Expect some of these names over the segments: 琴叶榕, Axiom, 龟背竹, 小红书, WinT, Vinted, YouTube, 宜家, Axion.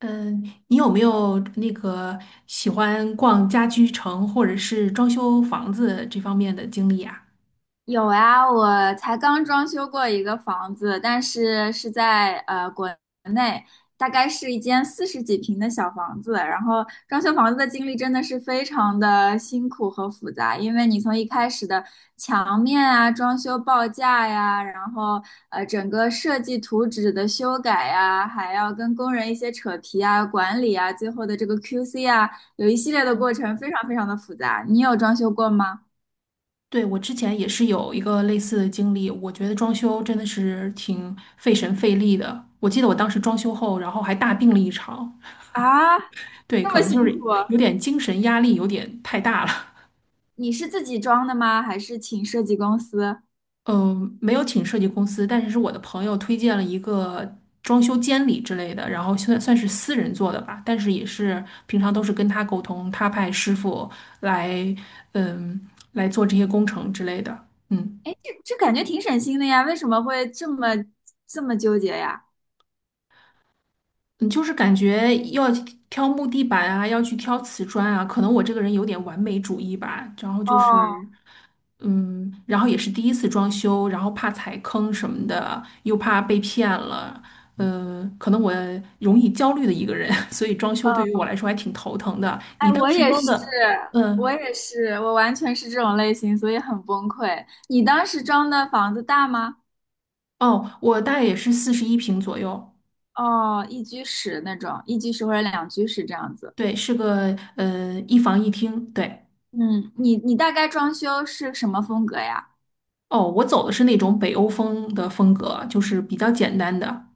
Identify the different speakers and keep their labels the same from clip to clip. Speaker 1: 嗯，你有没有那个喜欢逛家居城或者是装修房子这方面的经历啊？
Speaker 2: 有啊，我才刚装修过一个房子，但是是在国内，大概是一间四十几平的小房子。然后装修房子的经历真的是非常的辛苦和复杂，因为你从一开始的墙面啊、装修报价呀，然后整个设计图纸的修改呀，还要跟工人一些扯皮啊、管理啊，最后的这个 QC 啊，有一系列的过程，非常非常的复杂。你有装修过吗？
Speaker 1: 对，我之前也是有一个类似的经历，我觉得装修真的是挺费神费力的。我记得我当时装修后，然后还大病了一场，
Speaker 2: 啊，
Speaker 1: 对，
Speaker 2: 这
Speaker 1: 可
Speaker 2: 么
Speaker 1: 能就
Speaker 2: 辛
Speaker 1: 是
Speaker 2: 苦啊。
Speaker 1: 有点精神压力有点太大了。
Speaker 2: 你是自己装的吗？还是请设计公司？
Speaker 1: 嗯，没有请设计公司，但是是我的朋友推荐了一个装修监理之类的，然后算是私人做的吧，但是也是平常都是跟他沟通，他派师傅来，嗯，来做这些工程之类的。嗯。
Speaker 2: 哎，这感觉挺省心的呀，为什么会这么纠结呀？
Speaker 1: 你就是感觉要挑木地板啊，要去挑瓷砖啊，可能我这个人有点完美主义吧。然后就
Speaker 2: 哦，
Speaker 1: 是，然后也是第一次装修，然后怕踩坑什么的，又怕被骗了，嗯，可能我容易焦虑的一个人，所以装修对于我
Speaker 2: 呃，
Speaker 1: 来说还挺头疼的。你
Speaker 2: 哎，
Speaker 1: 当
Speaker 2: 我
Speaker 1: 时
Speaker 2: 也
Speaker 1: 装
Speaker 2: 是，
Speaker 1: 的，
Speaker 2: 我
Speaker 1: 嗯，
Speaker 2: 也是，我完全是这种类型，所以很崩溃。你当时装的房子大吗？
Speaker 1: 哦，我大概也是41平左右，
Speaker 2: 哦，一居室那种，一居室或者两居室这样子。
Speaker 1: 对，是个一房一厅，对。
Speaker 2: 嗯，你大概装修是什么风格呀？
Speaker 1: 哦，我走的是那种北欧风的风格，就是比较简单的。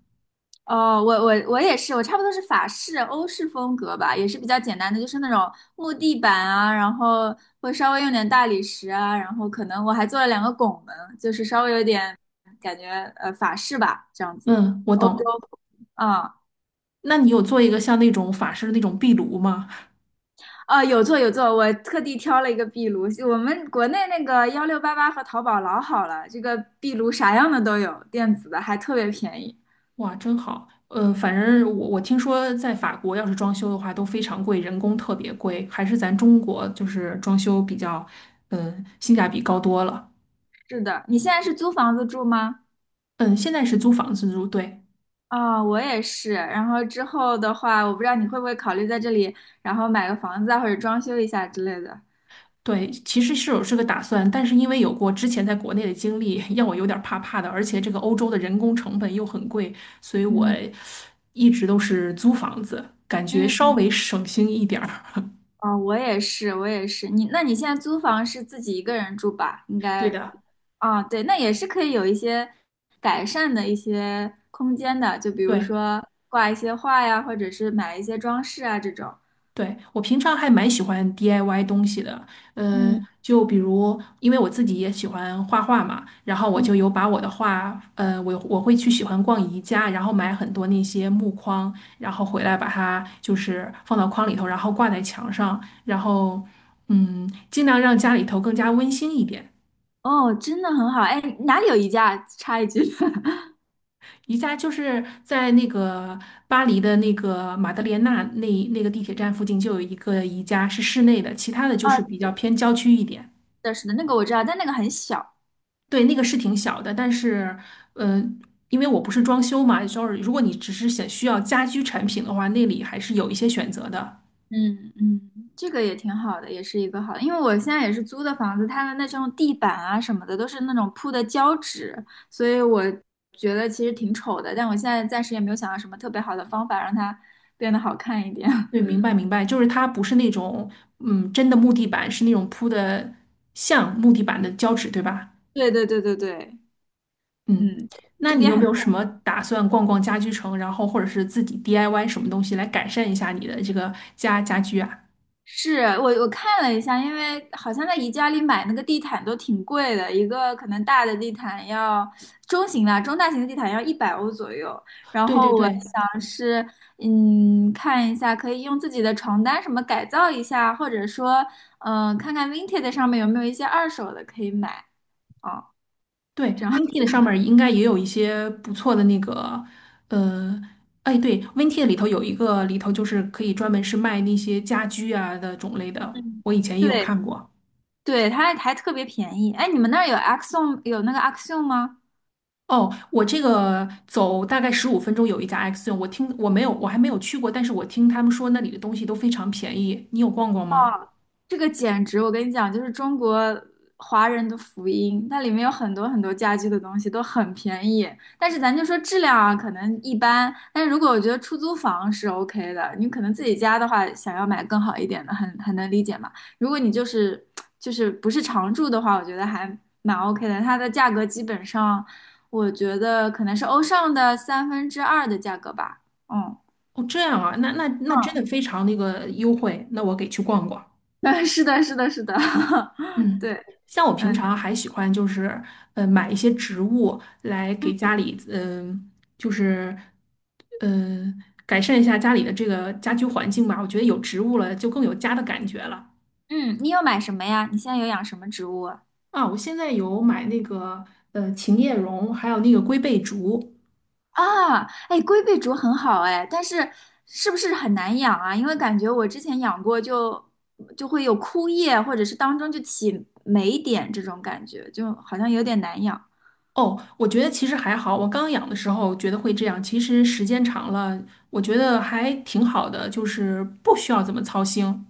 Speaker 2: 哦，我也是，我差不多是法式、欧式风格吧，也是比较简单的，就是那种木地板啊，然后会稍微用点大理石啊，然后可能我还做了两个拱门，就是稍微有点感觉法式吧，这样子，
Speaker 1: 嗯，我
Speaker 2: 欧洲
Speaker 1: 懂。
Speaker 2: 风，嗯，
Speaker 1: 那你有做一个像那种法式的那种壁炉吗？
Speaker 2: 啊，有做有做，我特地挑了一个壁炉，我们国内那个1688和淘宝老好了，这个壁炉啥样的都有，电子的还特别便宜。
Speaker 1: 哇，真好。反正我听说在法国要是装修的话都非常贵，人工特别贵，还是咱中国就是装修比较，嗯，性价比高多了。
Speaker 2: 是的，你现在是租房子住吗？
Speaker 1: 嗯，现在是租房子住，对
Speaker 2: 啊，我也是。然后之后的话，我不知道你会不会考虑在这里，然后买个房子啊，或者装修一下之类的。
Speaker 1: 对，其实是有这个打算，但是因为有过之前在国内的经历，让我有点儿怕怕的，而且这个欧洲的人工成本又很贵，所以我
Speaker 2: 嗯
Speaker 1: 一直都是租房子，感觉
Speaker 2: 嗯
Speaker 1: 稍
Speaker 2: 嗯，
Speaker 1: 微省心一点儿。
Speaker 2: 哦，我也是，我也是。你，那你现在租房是自己一个人住吧？应该，
Speaker 1: 对的，
Speaker 2: 哦，对，那也是可以有一些改善的一些空间的，就比如
Speaker 1: 对。
Speaker 2: 说挂一些画呀，或者是买一些装饰啊这种。
Speaker 1: 对，我平常还蛮喜欢 DIY 东西的，
Speaker 2: 嗯
Speaker 1: 就比如因为我自己也喜欢画画嘛，然后我
Speaker 2: 嗯，
Speaker 1: 就有把我的画，我会去喜欢逛宜家，然后买很多那些木框，然后回来把它就是放到框里头，然后挂在墙上，然后尽量让家里头更加温馨一点。
Speaker 2: 哦，真的很好。哎，哪里有宜家？插一句。
Speaker 1: 宜家就是在那个巴黎的那个马德莲娜那个地铁站附近就有一个宜家，是室内的，其他的就
Speaker 2: 啊，
Speaker 1: 是比
Speaker 2: 是
Speaker 1: 较偏郊区一点。
Speaker 2: 的，是的，那个我知道，但那个很小。
Speaker 1: 对，那个是挺小的，但是，呃，因为我不是装修嘛，就是如果你只是想需要家居产品的话，那里还是有一些选择的。
Speaker 2: 嗯嗯，这个也挺好的，也是一个好的因为我现在也是租的房子，它的那种地板啊什么的都是那种铺的胶纸，所以我觉得其实挺丑的，但我现在暂时也没有想到什么特别好的方法让它变得好看一点。
Speaker 1: 对，明 白明白，就是它不是那种，真的木地板，是那种铺的像木地板的胶纸，对吧？
Speaker 2: 对对对对对，
Speaker 1: 嗯，
Speaker 2: 嗯，
Speaker 1: 那
Speaker 2: 这
Speaker 1: 你
Speaker 2: 边
Speaker 1: 有没
Speaker 2: 很。
Speaker 1: 有什么打算逛逛家居城，然后或者是自己 DIY 什么东西来改善一下你的这个家居啊？
Speaker 2: 是我看了一下，因为好像在宜家里买那个地毯都挺贵的，一个可能大的地毯要中型的、中大型的地毯要100欧左右。然
Speaker 1: 对
Speaker 2: 后
Speaker 1: 对
Speaker 2: 我
Speaker 1: 对，
Speaker 2: 想是，嗯，看一下可以用自己的床单什么改造一下，或者说，嗯、看看 Vinted 上面有没有一些二手的可以买哦，
Speaker 1: 对
Speaker 2: 这样。
Speaker 1: ，WinT 的上面儿应该也有一些不错的那个，呃，哎，对，WinT 的里头有一个里头就是可以专门是卖那些家居啊的种类的，
Speaker 2: 嗯，
Speaker 1: 我以前也有
Speaker 2: 对
Speaker 1: 看过。
Speaker 2: 对，它还特别便宜。哎，你们那儿有 Axiom 有那个 Axiom 吗？
Speaker 1: 哦，我这个走大概15分钟有一家 Axion，我还没有去过，但是我听他们说那里的东西都非常便宜，你有逛逛吗？
Speaker 2: 这个简直，我跟你讲，就是中国华人的福音。它里面有很多很多家居的东西都很便宜，但是咱就说质量啊，可能一般。但是如果我觉得出租房是 OK 的，你可能自己家的话，想要买更好一点的，很能理解嘛。如果你就是不是常住的话，我觉得还蛮 OK 的。它的价格基本上，我觉得可能是欧尚的三分之二的价格吧。嗯，
Speaker 1: 哦，这样啊，那真的 非常那个优惠，那我给去逛逛。
Speaker 2: 嗯，是的，是的，是的，
Speaker 1: 嗯，
Speaker 2: 对。
Speaker 1: 像我平常还喜欢就是，买一些植物来给家里，就是，嗯、改善一下家里的这个家居环境吧。我觉得有植物了，就更有家的感觉了。
Speaker 2: 嗯，你有买什么呀？你现在有养什么植物啊？
Speaker 1: 啊，我现在有买那个，琴叶榕，还有那个龟背竹。
Speaker 2: 啊，哎，龟背竹很好哎，但是是不是很难养啊？因为感觉我之前养过就，就会有枯叶，或者是当中就起霉点这种感觉，就好像有点难养。
Speaker 1: 哦，我觉得其实还好。我刚养的时候觉得会这样，其实时间长了，我觉得还挺好的，就是不需要怎么操心。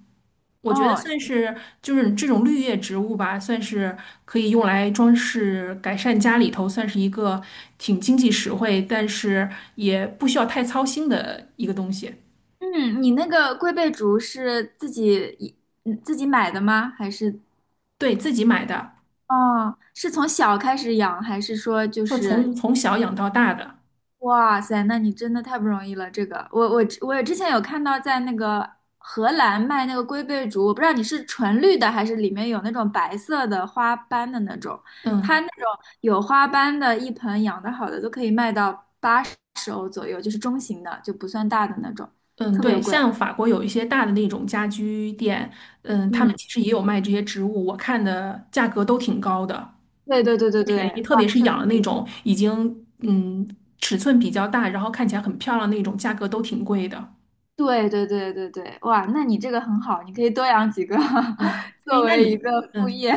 Speaker 1: 我觉得
Speaker 2: 哦，
Speaker 1: 算是就是这种绿叶植物吧，算是可以用来装饰、改善家里头，算是一个挺经济实惠，但是也不需要太操心的一个东西。
Speaker 2: 嗯，你那个龟背竹是自己自己买的吗？还是
Speaker 1: 对，自己买的，
Speaker 2: 哦，是从小开始养，还是说就
Speaker 1: 说
Speaker 2: 是
Speaker 1: 从小养到大的，
Speaker 2: 哇塞，那你真的太不容易了。这个，我之前有看到在那个荷兰卖那个龟背竹，我不知道你是纯绿的还是里面有那种白色的花斑的那种。它
Speaker 1: 嗯
Speaker 2: 那种有花斑的，一盆养得好的都可以卖到80欧左右，就是中型的，就不算大的那种，
Speaker 1: 嗯，
Speaker 2: 特别
Speaker 1: 对，
Speaker 2: 贵。
Speaker 1: 像法国有一些大的那种家居店，嗯，他们
Speaker 2: 嗯，
Speaker 1: 其实也有卖这些植物，我看的价格都挺高的，
Speaker 2: 对对对
Speaker 1: 不
Speaker 2: 对对，
Speaker 1: 便宜，特
Speaker 2: 哇，
Speaker 1: 别是
Speaker 2: 这
Speaker 1: 养了那种已经尺寸比较大，然后看起来很漂亮那种，价格都挺贵的。
Speaker 2: 对对对对对，哇，那你这个很好，你可以多养几个
Speaker 1: 嗯，哎，
Speaker 2: 作
Speaker 1: 那
Speaker 2: 为一
Speaker 1: 你，
Speaker 2: 个副
Speaker 1: 嗯，
Speaker 2: 业。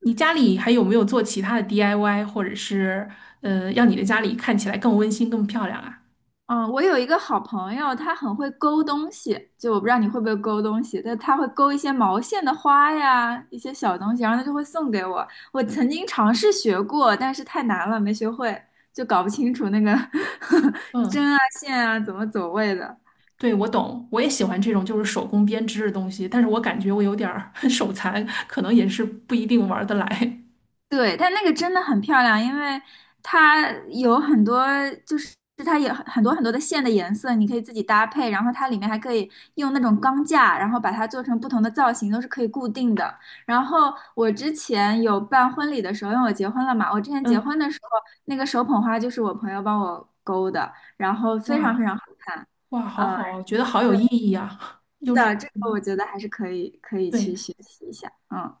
Speaker 1: 你家里还有没有做其他的 DIY，或者是，让你的家里看起来更温馨、更漂亮啊？
Speaker 2: 嗯，我有一个好朋友，他很会勾东西，就我不知道你会不会勾东西，但他会勾一些毛线的花呀，一些小东西，然后他就会送给我。我曾经尝试学过，但是太难了，没学会，就搞不清楚那个
Speaker 1: 嗯，
Speaker 2: 针啊线啊怎么走位的。
Speaker 1: 对，我懂，我也喜欢这种就是手工编织的东西，但是我感觉我有点儿 手残，可能也是不一定玩得来。
Speaker 2: 对，但那个真的很漂亮，因为它有很多，就是它有很多很多的线的颜色，你可以自己搭配，然后它里面还可以用那种钢架，然后把它做成不同的造型，都是可以固定的。然后我之前有办婚礼的时候，因为我结婚了嘛，我之前结婚
Speaker 1: 嗯，
Speaker 2: 的时候，那个手捧花就是我朋友帮我勾的，然后非常非
Speaker 1: 哇
Speaker 2: 常好看。
Speaker 1: 哇，好
Speaker 2: 嗯，
Speaker 1: 好，觉得好有意义啊，
Speaker 2: 是
Speaker 1: 又是，
Speaker 2: 的，这个我
Speaker 1: 嗯
Speaker 2: 觉得还是可以
Speaker 1: 对，
Speaker 2: 去学习一下。嗯。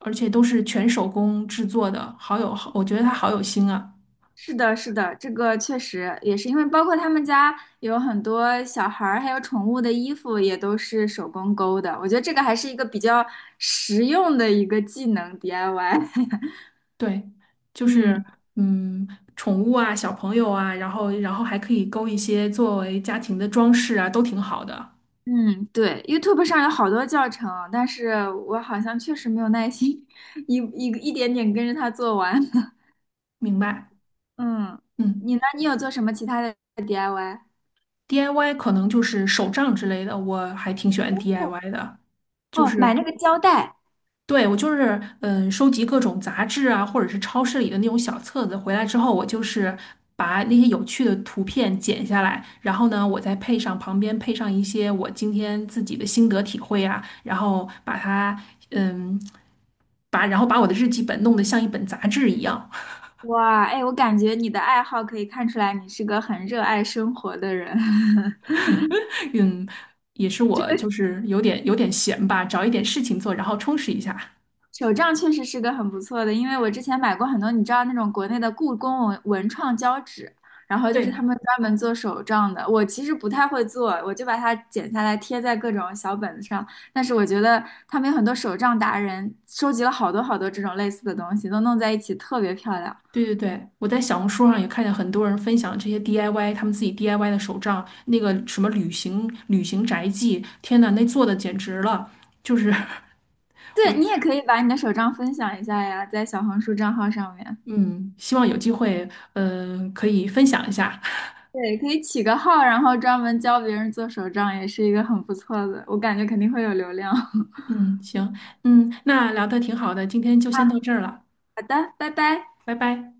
Speaker 1: 而且都是全手工制作的，我觉得它好有心啊。
Speaker 2: 是的，是的，这个确实也是因为包括他们家有很多小孩儿还有宠物的衣服也都是手工勾的，我觉得这个还是一个比较实用的一个技能 DIY。
Speaker 1: 对，就
Speaker 2: 嗯
Speaker 1: 是嗯，宠物啊，小朋友啊，然后还可以勾一些作为家庭的装饰啊，都挺好的。
Speaker 2: 嗯，对，YouTube 上有好多教程，但是我好像确实没有耐心 一点点跟着他做完。
Speaker 1: 明白，
Speaker 2: 嗯，
Speaker 1: 嗯
Speaker 2: 你呢？你有做什么其他的 DIY?
Speaker 1: ，DIY 可能就是手账之类的，我还挺喜欢
Speaker 2: 哦，
Speaker 1: DIY 的，就
Speaker 2: 哦
Speaker 1: 是
Speaker 2: 买那个胶带，
Speaker 1: 对我就是收集各种杂志啊，或者是超市里的那种小册子，回来之后我就是把那些有趣的图片剪下来，然后呢，我再配上旁边配上一些我今天自己的心得体会啊，然后把它。嗯，然后把我的日记本弄得像一本杂志一样，
Speaker 2: 哇，哎，我感觉你的爱好可以看出来你是个很热爱生活的人。
Speaker 1: 嗯，也是我就是有点闲吧，找一点事情做，然后充实一下。
Speaker 2: 手账确实是个很不错的，因为我之前买过很多，你知道那种国内的故宫文创胶纸，然后就是他
Speaker 1: 对
Speaker 2: 们专门做手账的。我其实不太会做，我就把它剪下来贴在各种小本子上。但是我觉得他们有很多手账达人，收集了好多好多这种类似的东西，都弄在一起特别漂亮。
Speaker 1: 对对对，我在小红书上也看见很多人分享这些 DIY，他们自己 DIY 的手账，那个什么旅行宅记，天呐，那做的简直了，就是
Speaker 2: 对，你也可以把你的手账分享一下呀，在小红书账号上面。
Speaker 1: 嗯，希望有机会，可以分享一下。
Speaker 2: 对，可以起个号，然后专门教别人做手账，也是一个很不错的，我感觉肯定会有流量。
Speaker 1: 嗯，行，嗯，那聊的挺好的，今天就先到这儿了，
Speaker 2: 好的，拜拜。
Speaker 1: 拜拜。